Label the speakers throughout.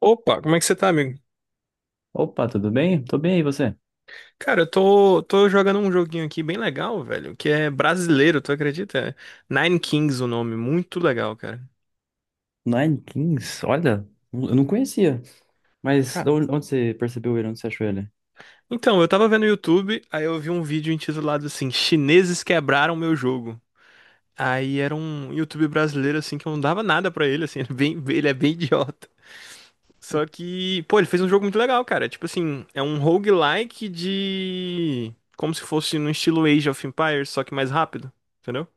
Speaker 1: Opa, como é que você tá, amigo?
Speaker 2: Opa, tudo bem? Tô bem, e você?
Speaker 1: Cara, eu tô jogando um joguinho aqui bem legal, velho, que é brasileiro, tu acredita? É Nine Kings o nome, muito legal, cara.
Speaker 2: Nine Kings, olha, eu não conhecia. Mas de
Speaker 1: Ca-
Speaker 2: onde você percebeu ele? Onde você achou ele?
Speaker 1: Então, eu tava vendo no YouTube, aí eu vi um vídeo intitulado assim, Chineses quebraram meu jogo. Aí era um YouTube brasileiro, assim, que eu não dava nada pra ele, assim, ele é bem idiota. Só que, pô, ele fez um jogo muito legal, cara. Tipo assim, é um roguelike de... Como se fosse no estilo Age of Empires, só que mais rápido, entendeu?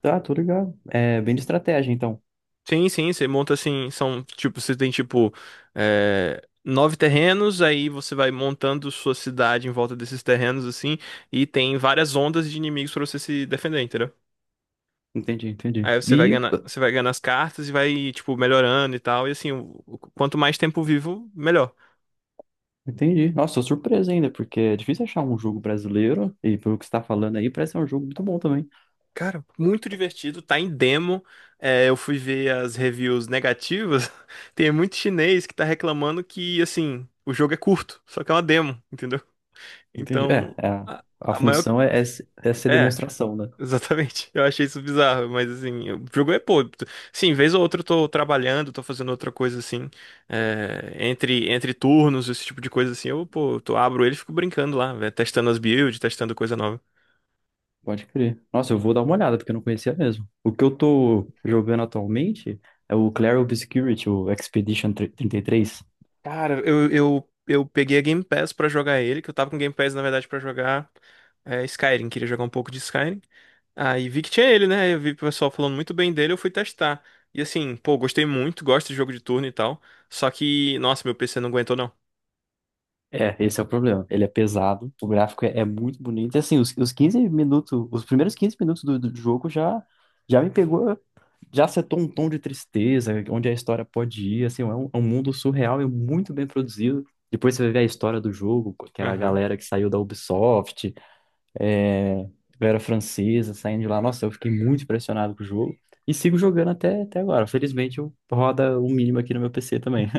Speaker 2: Tá, tô ligado. É bem de estratégia, então.
Speaker 1: Sim, sim, você monta assim, são tipo, você tem tipo nove terrenos, aí você vai montando sua cidade em volta desses terrenos assim, e tem várias ondas de inimigos pra você se defender, entendeu?
Speaker 2: Entendi, entendi.
Speaker 1: Aí você vai ganhando as cartas e vai tipo melhorando e tal, e assim, quanto mais tempo vivo, melhor.
Speaker 2: Entendi. Nossa, tô surpreso ainda, porque é difícil achar um jogo brasileiro, e pelo que você tá falando aí, parece ser um jogo muito bom também.
Speaker 1: Cara, muito divertido, tá em demo. É, eu fui ver as reviews negativas. Tem muito chinês que tá reclamando que assim, o jogo é curto, só que é uma demo, entendeu?
Speaker 2: Entendi. É,
Speaker 1: Então,
Speaker 2: é, a
Speaker 1: a,
Speaker 2: a
Speaker 1: a maior.
Speaker 2: função é ser
Speaker 1: É,
Speaker 2: demonstração, né?
Speaker 1: exatamente. Eu achei isso bizarro, mas assim, o jogo é pô. Sim, vez ou outra eu tô trabalhando, tô fazendo outra coisa assim. Entre turnos, esse tipo de coisa assim, eu, pô, tu abro ele e fico brincando lá, velho, testando as builds, testando coisa nova.
Speaker 2: Pode crer. Nossa, eu vou dar uma olhada, porque eu não conhecia mesmo. O que eu tô jogando atualmente é o Clair Obscurity, o Expedition 33.
Speaker 1: Cara, eu peguei a Game Pass pra jogar ele, que eu tava com Game Pass, na verdade, pra jogar Skyrim. Queria jogar um pouco de Skyrim. Aí vi que tinha ele, né? Eu vi o pessoal falando muito bem dele, eu fui testar. E assim, pô, gostei muito, gosto de jogo de turno e tal. Só que, nossa, meu PC não aguentou, não.
Speaker 2: É, esse é o problema. Ele é pesado, o gráfico é muito bonito. E, assim, os 15 minutos, os primeiros 15 minutos do jogo já me pegou, já setou um tom de tristeza, onde a história pode ir. Assim, é um mundo surreal e muito bem produzido. Depois você vai ver a história do jogo, que é a
Speaker 1: Aham.
Speaker 2: galera que saiu da Ubisoft, é, galera francesa saindo de lá. Nossa, eu fiquei muito impressionado com o jogo. E sigo jogando até agora. Felizmente, eu roda o mínimo aqui no meu PC também.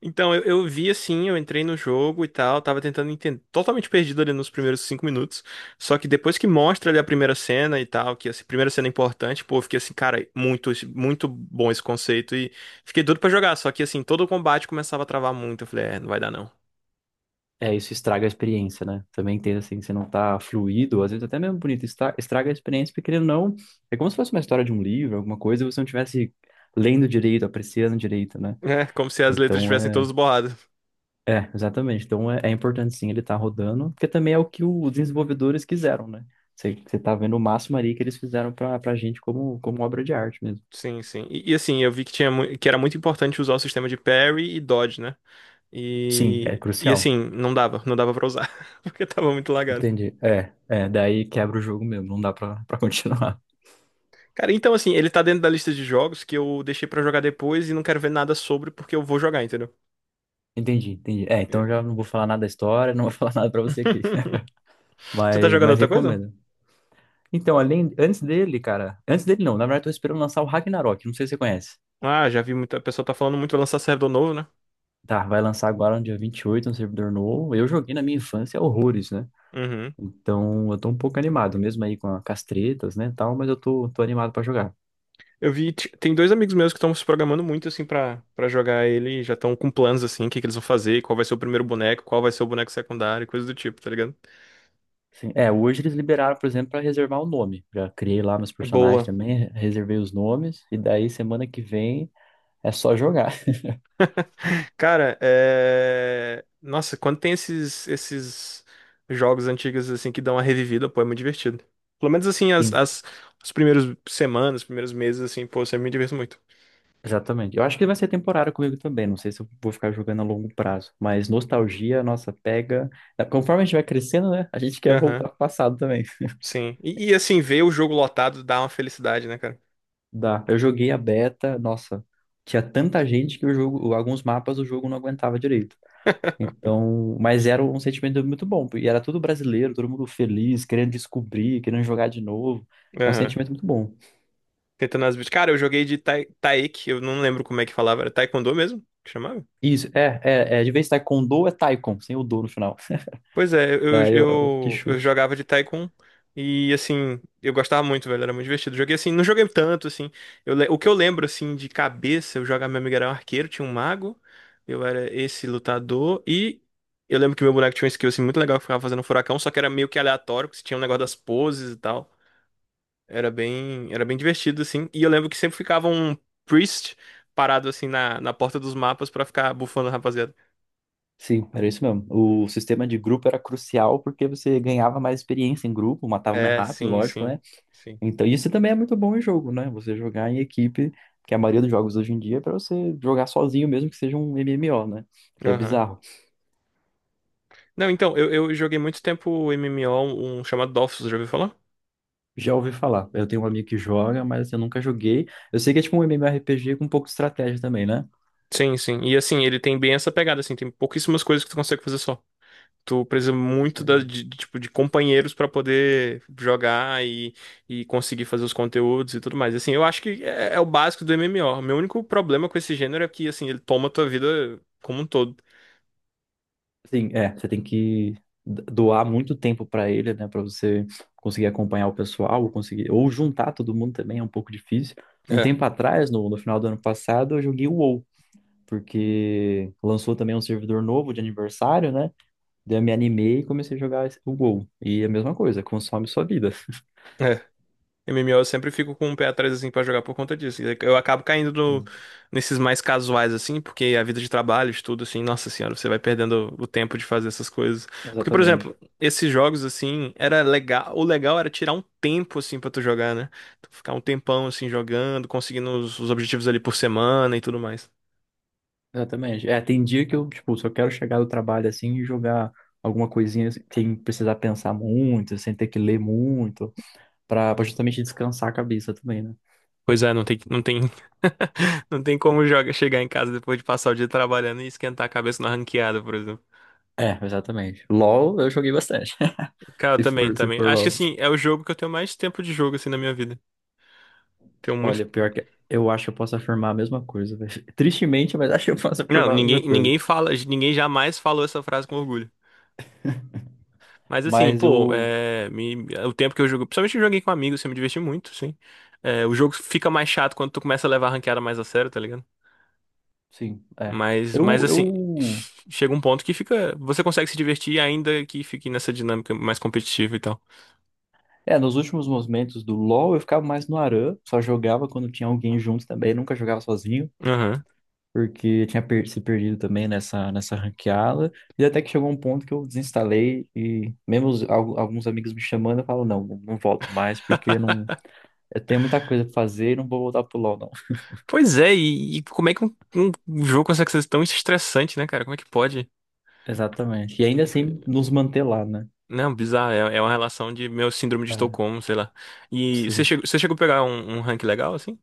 Speaker 1: Então, eu vi assim, eu entrei no jogo e tal, tava tentando entender, totalmente perdido ali nos primeiros 5 minutos. Só que depois que mostra ali a primeira cena e tal, que essa primeira cena é importante, pô, eu fiquei assim, cara, muito, muito bom esse conceito e fiquei doido pra jogar. Só que assim, todo o combate começava a travar muito. Eu falei, é, não vai dar não.
Speaker 2: É, isso estraga a experiência, né? Também entendo assim, que você não tá fluido, às vezes até mesmo bonito, estraga a experiência, porque querendo ou não, é como se fosse uma história de um livro, alguma coisa, e você não tivesse lendo direito, apreciando direito, né?
Speaker 1: É, como se as letras
Speaker 2: Então
Speaker 1: estivessem
Speaker 2: é,
Speaker 1: todas borradas.
Speaker 2: é, exatamente. Então é importante sim ele estar rodando, porque também é o que os desenvolvedores quiseram, né? Você tá vendo o máximo ali que eles fizeram pra gente como obra de arte mesmo.
Speaker 1: Sim, sim. E, assim, eu vi que tinha que era muito importante usar o sistema de parry e dodge, né?
Speaker 2: Sim, é
Speaker 1: E
Speaker 2: crucial.
Speaker 1: assim, não dava pra usar, porque tava muito lagado.
Speaker 2: Entendi. Daí quebra o jogo mesmo, não dá pra continuar.
Speaker 1: Cara, então assim, ele tá dentro da lista de jogos que eu deixei pra jogar depois e não quero ver nada sobre porque eu vou jogar, entendeu?
Speaker 2: Entendi, entendi. É, então eu
Speaker 1: Eu-
Speaker 2: já não vou falar nada da história, não vou falar nada pra você aqui.
Speaker 1: Você tá
Speaker 2: Mas,
Speaker 1: jogando
Speaker 2: mas
Speaker 1: outra coisa?
Speaker 2: recomendo. Então, além, antes dele, cara, antes dele não, na verdade eu tô esperando lançar o Ragnarok, não sei se você conhece.
Speaker 1: Ah, já vi muita pessoa tá falando muito, vai lançar servidor novo, né?
Speaker 2: Tá, vai lançar agora no dia 28 um servidor novo. Eu joguei na minha infância horrores, né?
Speaker 1: Uhum.
Speaker 2: Então, eu tô um pouco animado, mesmo aí com, com as tretas, né, tal, mas eu tô animado pra jogar.
Speaker 1: Eu vi, tem dois amigos meus que estão se programando muito assim pra para jogar ele, e já estão com planos assim, o que que eles vão fazer, qual vai ser o primeiro boneco, qual vai ser o boneco secundário, coisa do tipo, tá ligado?
Speaker 2: Sim. É, hoje eles liberaram, por exemplo, pra reservar o nome. Já criei lá meus personagens
Speaker 1: Boa.
Speaker 2: também, reservei os nomes, e daí semana que vem é só jogar.
Speaker 1: Cara, é... Nossa, quando tem esses jogos antigos, assim, que dão uma revivida, pô, é muito divertido. Pelo menos, assim,
Speaker 2: Sim.
Speaker 1: os primeiros semanas, os primeiros meses, assim, pô, eu sempre me diverto muito.
Speaker 2: Exatamente. Eu acho que ele vai ser temporário comigo também. Não sei se eu vou ficar jogando a longo prazo. Mas nostalgia, nossa, pega. É, conforme a gente vai crescendo, né? A gente quer
Speaker 1: Aham,
Speaker 2: voltar pro passado também.
Speaker 1: sim. E, assim, ver o jogo lotado dá uma felicidade, né, cara?
Speaker 2: Dá. Eu joguei a beta, nossa, tinha tanta gente que o jogo, alguns mapas o jogo não aguentava direito. Então, mas era um sentimento muito bom. E era tudo brasileiro, todo mundo feliz, querendo descobrir, querendo jogar de novo. É um
Speaker 1: Aham.
Speaker 2: sentimento muito bom.
Speaker 1: Tentando as... Cara, eu joguei de tai... Taek, eu não lembro como é que falava, era Taekwondo mesmo? Que chamava?
Speaker 2: Isso, é, é, é. De vez em taekwondo é taikon, sem o do no final.
Speaker 1: Pois é, eu,
Speaker 2: Daí que
Speaker 1: eu, eu
Speaker 2: chute.
Speaker 1: jogava de Tycoon e, assim, eu gostava muito, velho, era muito divertido. Joguei, assim, não joguei tanto, assim, o que eu lembro, assim, de cabeça, eu jogava, meu amigo era um arqueiro, tinha um mago, eu era esse lutador e eu lembro que meu boneco tinha um skill, assim, muito legal que ficava fazendo furacão, só que era meio que aleatório, que tinha um negócio das poses e tal. Era bem divertido, assim, e eu lembro que sempre ficava um priest parado, assim, na porta dos mapas pra ficar bufando a rapaziada.
Speaker 2: Sim, era isso mesmo. O sistema de grupo era crucial porque você ganhava mais experiência em grupo, matava mais
Speaker 1: É,
Speaker 2: rápido,
Speaker 1: sim,
Speaker 2: lógico,
Speaker 1: sim,
Speaker 2: né?
Speaker 1: sim.
Speaker 2: Então, isso também é muito bom em jogo, né? Você jogar em equipe, que a maioria dos jogos hoje em dia é pra você jogar sozinho, mesmo que seja um MMO, né? Que é
Speaker 1: Aham.
Speaker 2: bizarro.
Speaker 1: Não, então, eu joguei muito tempo o MMO, um chamado Dofus, já ouviu falar?
Speaker 2: Já ouvi falar. Eu tenho um amigo que joga, mas eu nunca joguei. Eu sei que é tipo um MMORPG com um pouco de estratégia também, né?
Speaker 1: Sim, sim. E assim, ele tem bem essa pegada, assim, tem pouquíssimas coisas que tu consegue fazer só. Tu precisa muito
Speaker 2: Entendi.
Speaker 1: tipo, de companheiros pra poder jogar e conseguir fazer os conteúdos e tudo mais. Assim, eu acho que é, é o básico do MMO. Meu único problema com esse gênero é que, assim, ele toma a tua vida como um todo.
Speaker 2: Sim, é, você tem que doar muito tempo para ele, né, para você conseguir acompanhar o pessoal, ou conseguir ou juntar todo mundo também é um pouco difícil. Um tempo atrás, no final do ano passado, eu joguei o WoW, porque lançou também um servidor novo de aniversário, né? Daí eu me animei e comecei a jogar o WoW. E é a mesma coisa, consome sua vida.
Speaker 1: É. MMO eu sempre fico com um pé atrás assim pra jogar por conta disso. Eu acabo caindo
Speaker 2: Sim,
Speaker 1: nesses mais casuais assim, porque a vida de trabalho, estudo assim, nossa senhora, você vai perdendo o tempo de fazer essas coisas. Porque, por exemplo,
Speaker 2: exatamente.
Speaker 1: esses jogos assim, era legal, o legal era tirar um tempo assim pra tu jogar, né? Tu ficar um tempão assim jogando, conseguindo os objetivos ali por semana e tudo mais.
Speaker 2: Exatamente. É, tem dia que eu, tipo, só quero chegar do trabalho assim e jogar alguma coisinha assim, sem precisar pensar muito, sem ter que ler muito. Pra justamente descansar a cabeça também, né?
Speaker 1: Pois é, não tem como joga, chegar em casa depois de passar o dia trabalhando e esquentar a cabeça na ranqueada, por exemplo.
Speaker 2: É, exatamente. LOL eu joguei bastante.
Speaker 1: Cara, eu
Speaker 2: Se
Speaker 1: também,
Speaker 2: for, se
Speaker 1: também.
Speaker 2: for
Speaker 1: Acho que
Speaker 2: LOL.
Speaker 1: assim, é o jogo que eu tenho mais tempo de jogo assim na minha vida. Tenho
Speaker 2: Olha,
Speaker 1: muito.
Speaker 2: pior que eu acho que eu posso afirmar a mesma coisa. Velho. Tristemente, mas acho que eu posso
Speaker 1: Não,
Speaker 2: afirmar a mesma
Speaker 1: ninguém,
Speaker 2: coisa.
Speaker 1: ninguém fala, ninguém jamais falou essa frase com orgulho. Mas assim,
Speaker 2: Mas
Speaker 1: pô,
Speaker 2: eu,
Speaker 1: o tempo que eu jogo, principalmente eu joguei com amigos, assim, eu me diverti muito, sim. É, o jogo fica mais chato quando tu começa a levar a ranqueada mais a sério, tá ligado?
Speaker 2: sim, é.
Speaker 1: Mas
Speaker 2: Eu,
Speaker 1: assim,
Speaker 2: eu,
Speaker 1: chega um ponto que fica, você consegue se divertir ainda que fique nessa dinâmica mais competitiva e tal.
Speaker 2: Nos últimos momentos do LoL eu ficava mais no ARAM, só jogava quando tinha alguém junto também, nunca jogava sozinho.
Speaker 1: Aham.
Speaker 2: Porque eu tinha se perdido também nessa ranqueada. E até que chegou um ponto que eu desinstalei e mesmo alguns amigos me chamando, eu falo, não, não volto mais, porque não, eu tenho muita coisa pra fazer e não vou voltar pro LoL, não.
Speaker 1: Pois é, e como é que um jogo consegue ser tão estressante, né, cara? Como é que pode?
Speaker 2: Exatamente. E ainda assim nos manter lá, né?
Speaker 1: Não, bizarro. É uma relação de meu síndrome de
Speaker 2: É,
Speaker 1: Estocolmo, sei lá. E você
Speaker 2: sim.
Speaker 1: chegou, você chegou a pegar um rank legal, assim?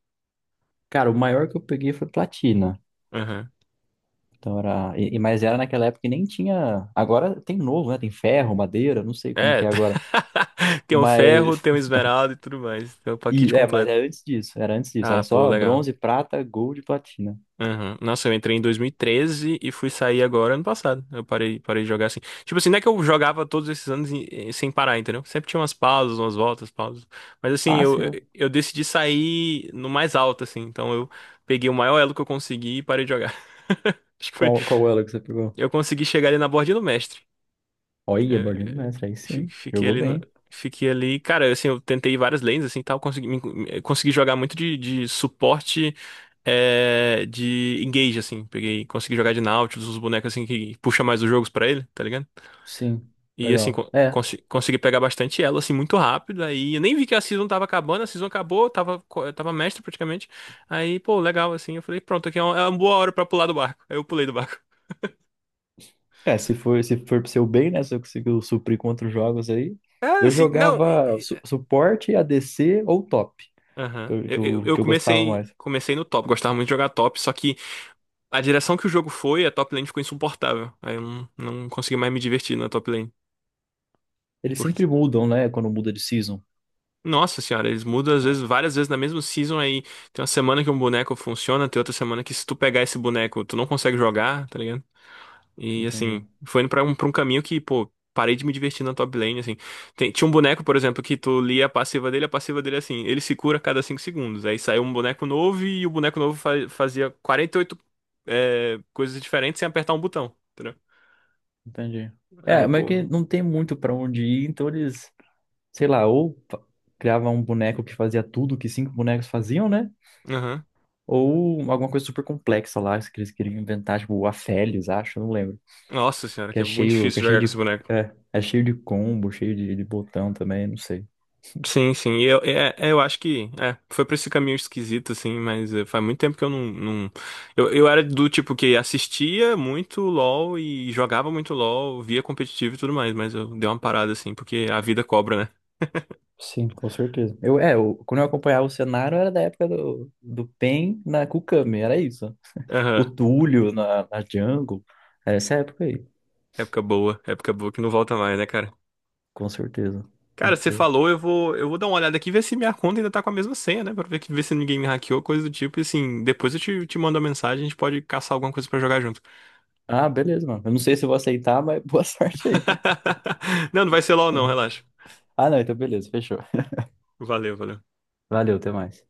Speaker 2: Cara, o maior que eu peguei foi platina.
Speaker 1: Aham.
Speaker 2: Então era, mas era naquela época que nem tinha. Agora tem novo, né? Tem ferro, madeira, não sei como
Speaker 1: É.
Speaker 2: que é agora.
Speaker 1: Tem o ferro,
Speaker 2: Mas,
Speaker 1: tem o esmeralda e tudo mais. Tem o pacote
Speaker 2: mas é
Speaker 1: completo.
Speaker 2: antes disso,
Speaker 1: Ah,
Speaker 2: era
Speaker 1: pô,
Speaker 2: só
Speaker 1: legal.
Speaker 2: bronze, prata, gold e platina.
Speaker 1: Aham. Nossa, eu entrei em 2013 e 13 e fui sair agora ano passado. Eu parei de jogar assim. Tipo assim, não é que eu jogava todos esses anos sem parar, entendeu? Sempre tinha umas pausas, umas voltas, pausas. Mas assim,
Speaker 2: Ah,
Speaker 1: eu, eu
Speaker 2: sim.
Speaker 1: eu decidi sair no mais alto, assim. Então eu peguei o maior elo que eu consegui e parei de jogar. Acho que foi,
Speaker 2: Qual ela que você pegou?
Speaker 1: eu consegui chegar ali na bordinha do mestre.
Speaker 2: Olha, Borderline
Speaker 1: É,
Speaker 2: Mestre, aí
Speaker 1: fi-
Speaker 2: sim.
Speaker 1: fiquei
Speaker 2: Jogou
Speaker 1: ali no-
Speaker 2: bem.
Speaker 1: Fiquei ali, cara, assim, eu tentei várias lanes, assim, tal, consegui, me- me- eh, consegui jogar muito de, suporte, de engage, assim, peguei, consegui jogar de Nautilus, os bonecos, assim, que puxa mais os jogos pra ele, tá ligado?
Speaker 2: Sim,
Speaker 1: E, assim,
Speaker 2: legal. É,
Speaker 1: consegui pegar bastante elo, assim, muito rápido, aí eu nem vi que a season tava acabando, a season acabou, eu tava mestre, praticamente, aí, pô, legal, assim, eu falei, pronto, aqui é uma boa hora pra pular do barco, aí eu pulei do barco.
Speaker 2: é, se for pro seu bem, né? Se eu conseguir suprir com outros jogos aí.
Speaker 1: É,
Speaker 2: Eu
Speaker 1: assim, não.
Speaker 2: jogava su suporte, ADC ou top, que
Speaker 1: Aham.
Speaker 2: eu,
Speaker 1: Eu,
Speaker 2: que
Speaker 1: eu,
Speaker 2: eu,
Speaker 1: eu
Speaker 2: que eu gostava
Speaker 1: comecei,
Speaker 2: mais.
Speaker 1: comecei no top, gostava muito de jogar top, só que a direção que o jogo foi, a top lane ficou insuportável. Aí eu não consegui mais me divertir na top lane.
Speaker 2: Eles sempre
Speaker 1: Porque,
Speaker 2: mudam, né? Quando muda de season.
Speaker 1: nossa senhora, eles mudam às vezes,
Speaker 2: Ó,
Speaker 1: várias vezes na mesma season aí. Tem uma semana que um boneco funciona, tem outra semana que se tu pegar esse boneco, tu não consegue jogar, tá ligado? E
Speaker 2: entendi,
Speaker 1: assim, foi indo pra um caminho que, pô, parei de me divertir na top lane, assim. Tinha um boneco, por exemplo, que tu lia a passiva dele é assim, ele se cura a cada 5 segundos. Aí saiu um boneco novo e o boneco novo fazia 48 coisas diferentes sem apertar um botão. Entendeu?
Speaker 2: entendi. É,
Speaker 1: Aí,
Speaker 2: mas é que
Speaker 1: pô.
Speaker 2: não tem muito pra onde ir, então eles, sei lá, criavam um boneco que fazia tudo que cinco bonecos faziam, né?
Speaker 1: Aham.
Speaker 2: Ou alguma coisa super complexa lá, que eles queriam inventar, tipo, o Aphelios, acho, eu não lembro.
Speaker 1: Nossa senhora,
Speaker 2: Que
Speaker 1: que
Speaker 2: é
Speaker 1: é muito
Speaker 2: cheio, que é
Speaker 1: difícil
Speaker 2: cheio
Speaker 1: jogar com esse
Speaker 2: de.
Speaker 1: boneco.
Speaker 2: É, é cheio de combo, cheio de botão também, não sei.
Speaker 1: Sim, sim. E eu acho que foi pra esse caminho esquisito, assim, mas é, faz muito tempo que eu não, não... Eu era do tipo que assistia muito LOL e jogava muito LOL, via competitivo e tudo mais, mas eu dei uma parada, assim, porque a vida cobra, né?
Speaker 2: Sim, com certeza. Eu quando eu acompanhava o cenário, era da época do Pen na Kukami, era isso. O
Speaker 1: Aham.
Speaker 2: Túlio na Jungle, era essa época aí,
Speaker 1: Época boa que não volta mais, né, cara?
Speaker 2: com certeza.
Speaker 1: Cara,
Speaker 2: Muito
Speaker 1: você
Speaker 2: boa.
Speaker 1: falou, eu vou dar uma olhada aqui e ver se minha conta ainda tá com a mesma senha, né? Pra ver, ver se ninguém me hackeou, coisa do tipo. E assim, depois eu te mando uma mensagem, a gente pode caçar alguma coisa pra jogar junto.
Speaker 2: Ah, beleza, mano. Eu não sei se eu vou aceitar, mas boa sorte aí.
Speaker 1: Não, não vai ser LOL, não, relaxa.
Speaker 2: Ah, não, então beleza, fechou.
Speaker 1: Valeu, valeu.
Speaker 2: Valeu, até mais.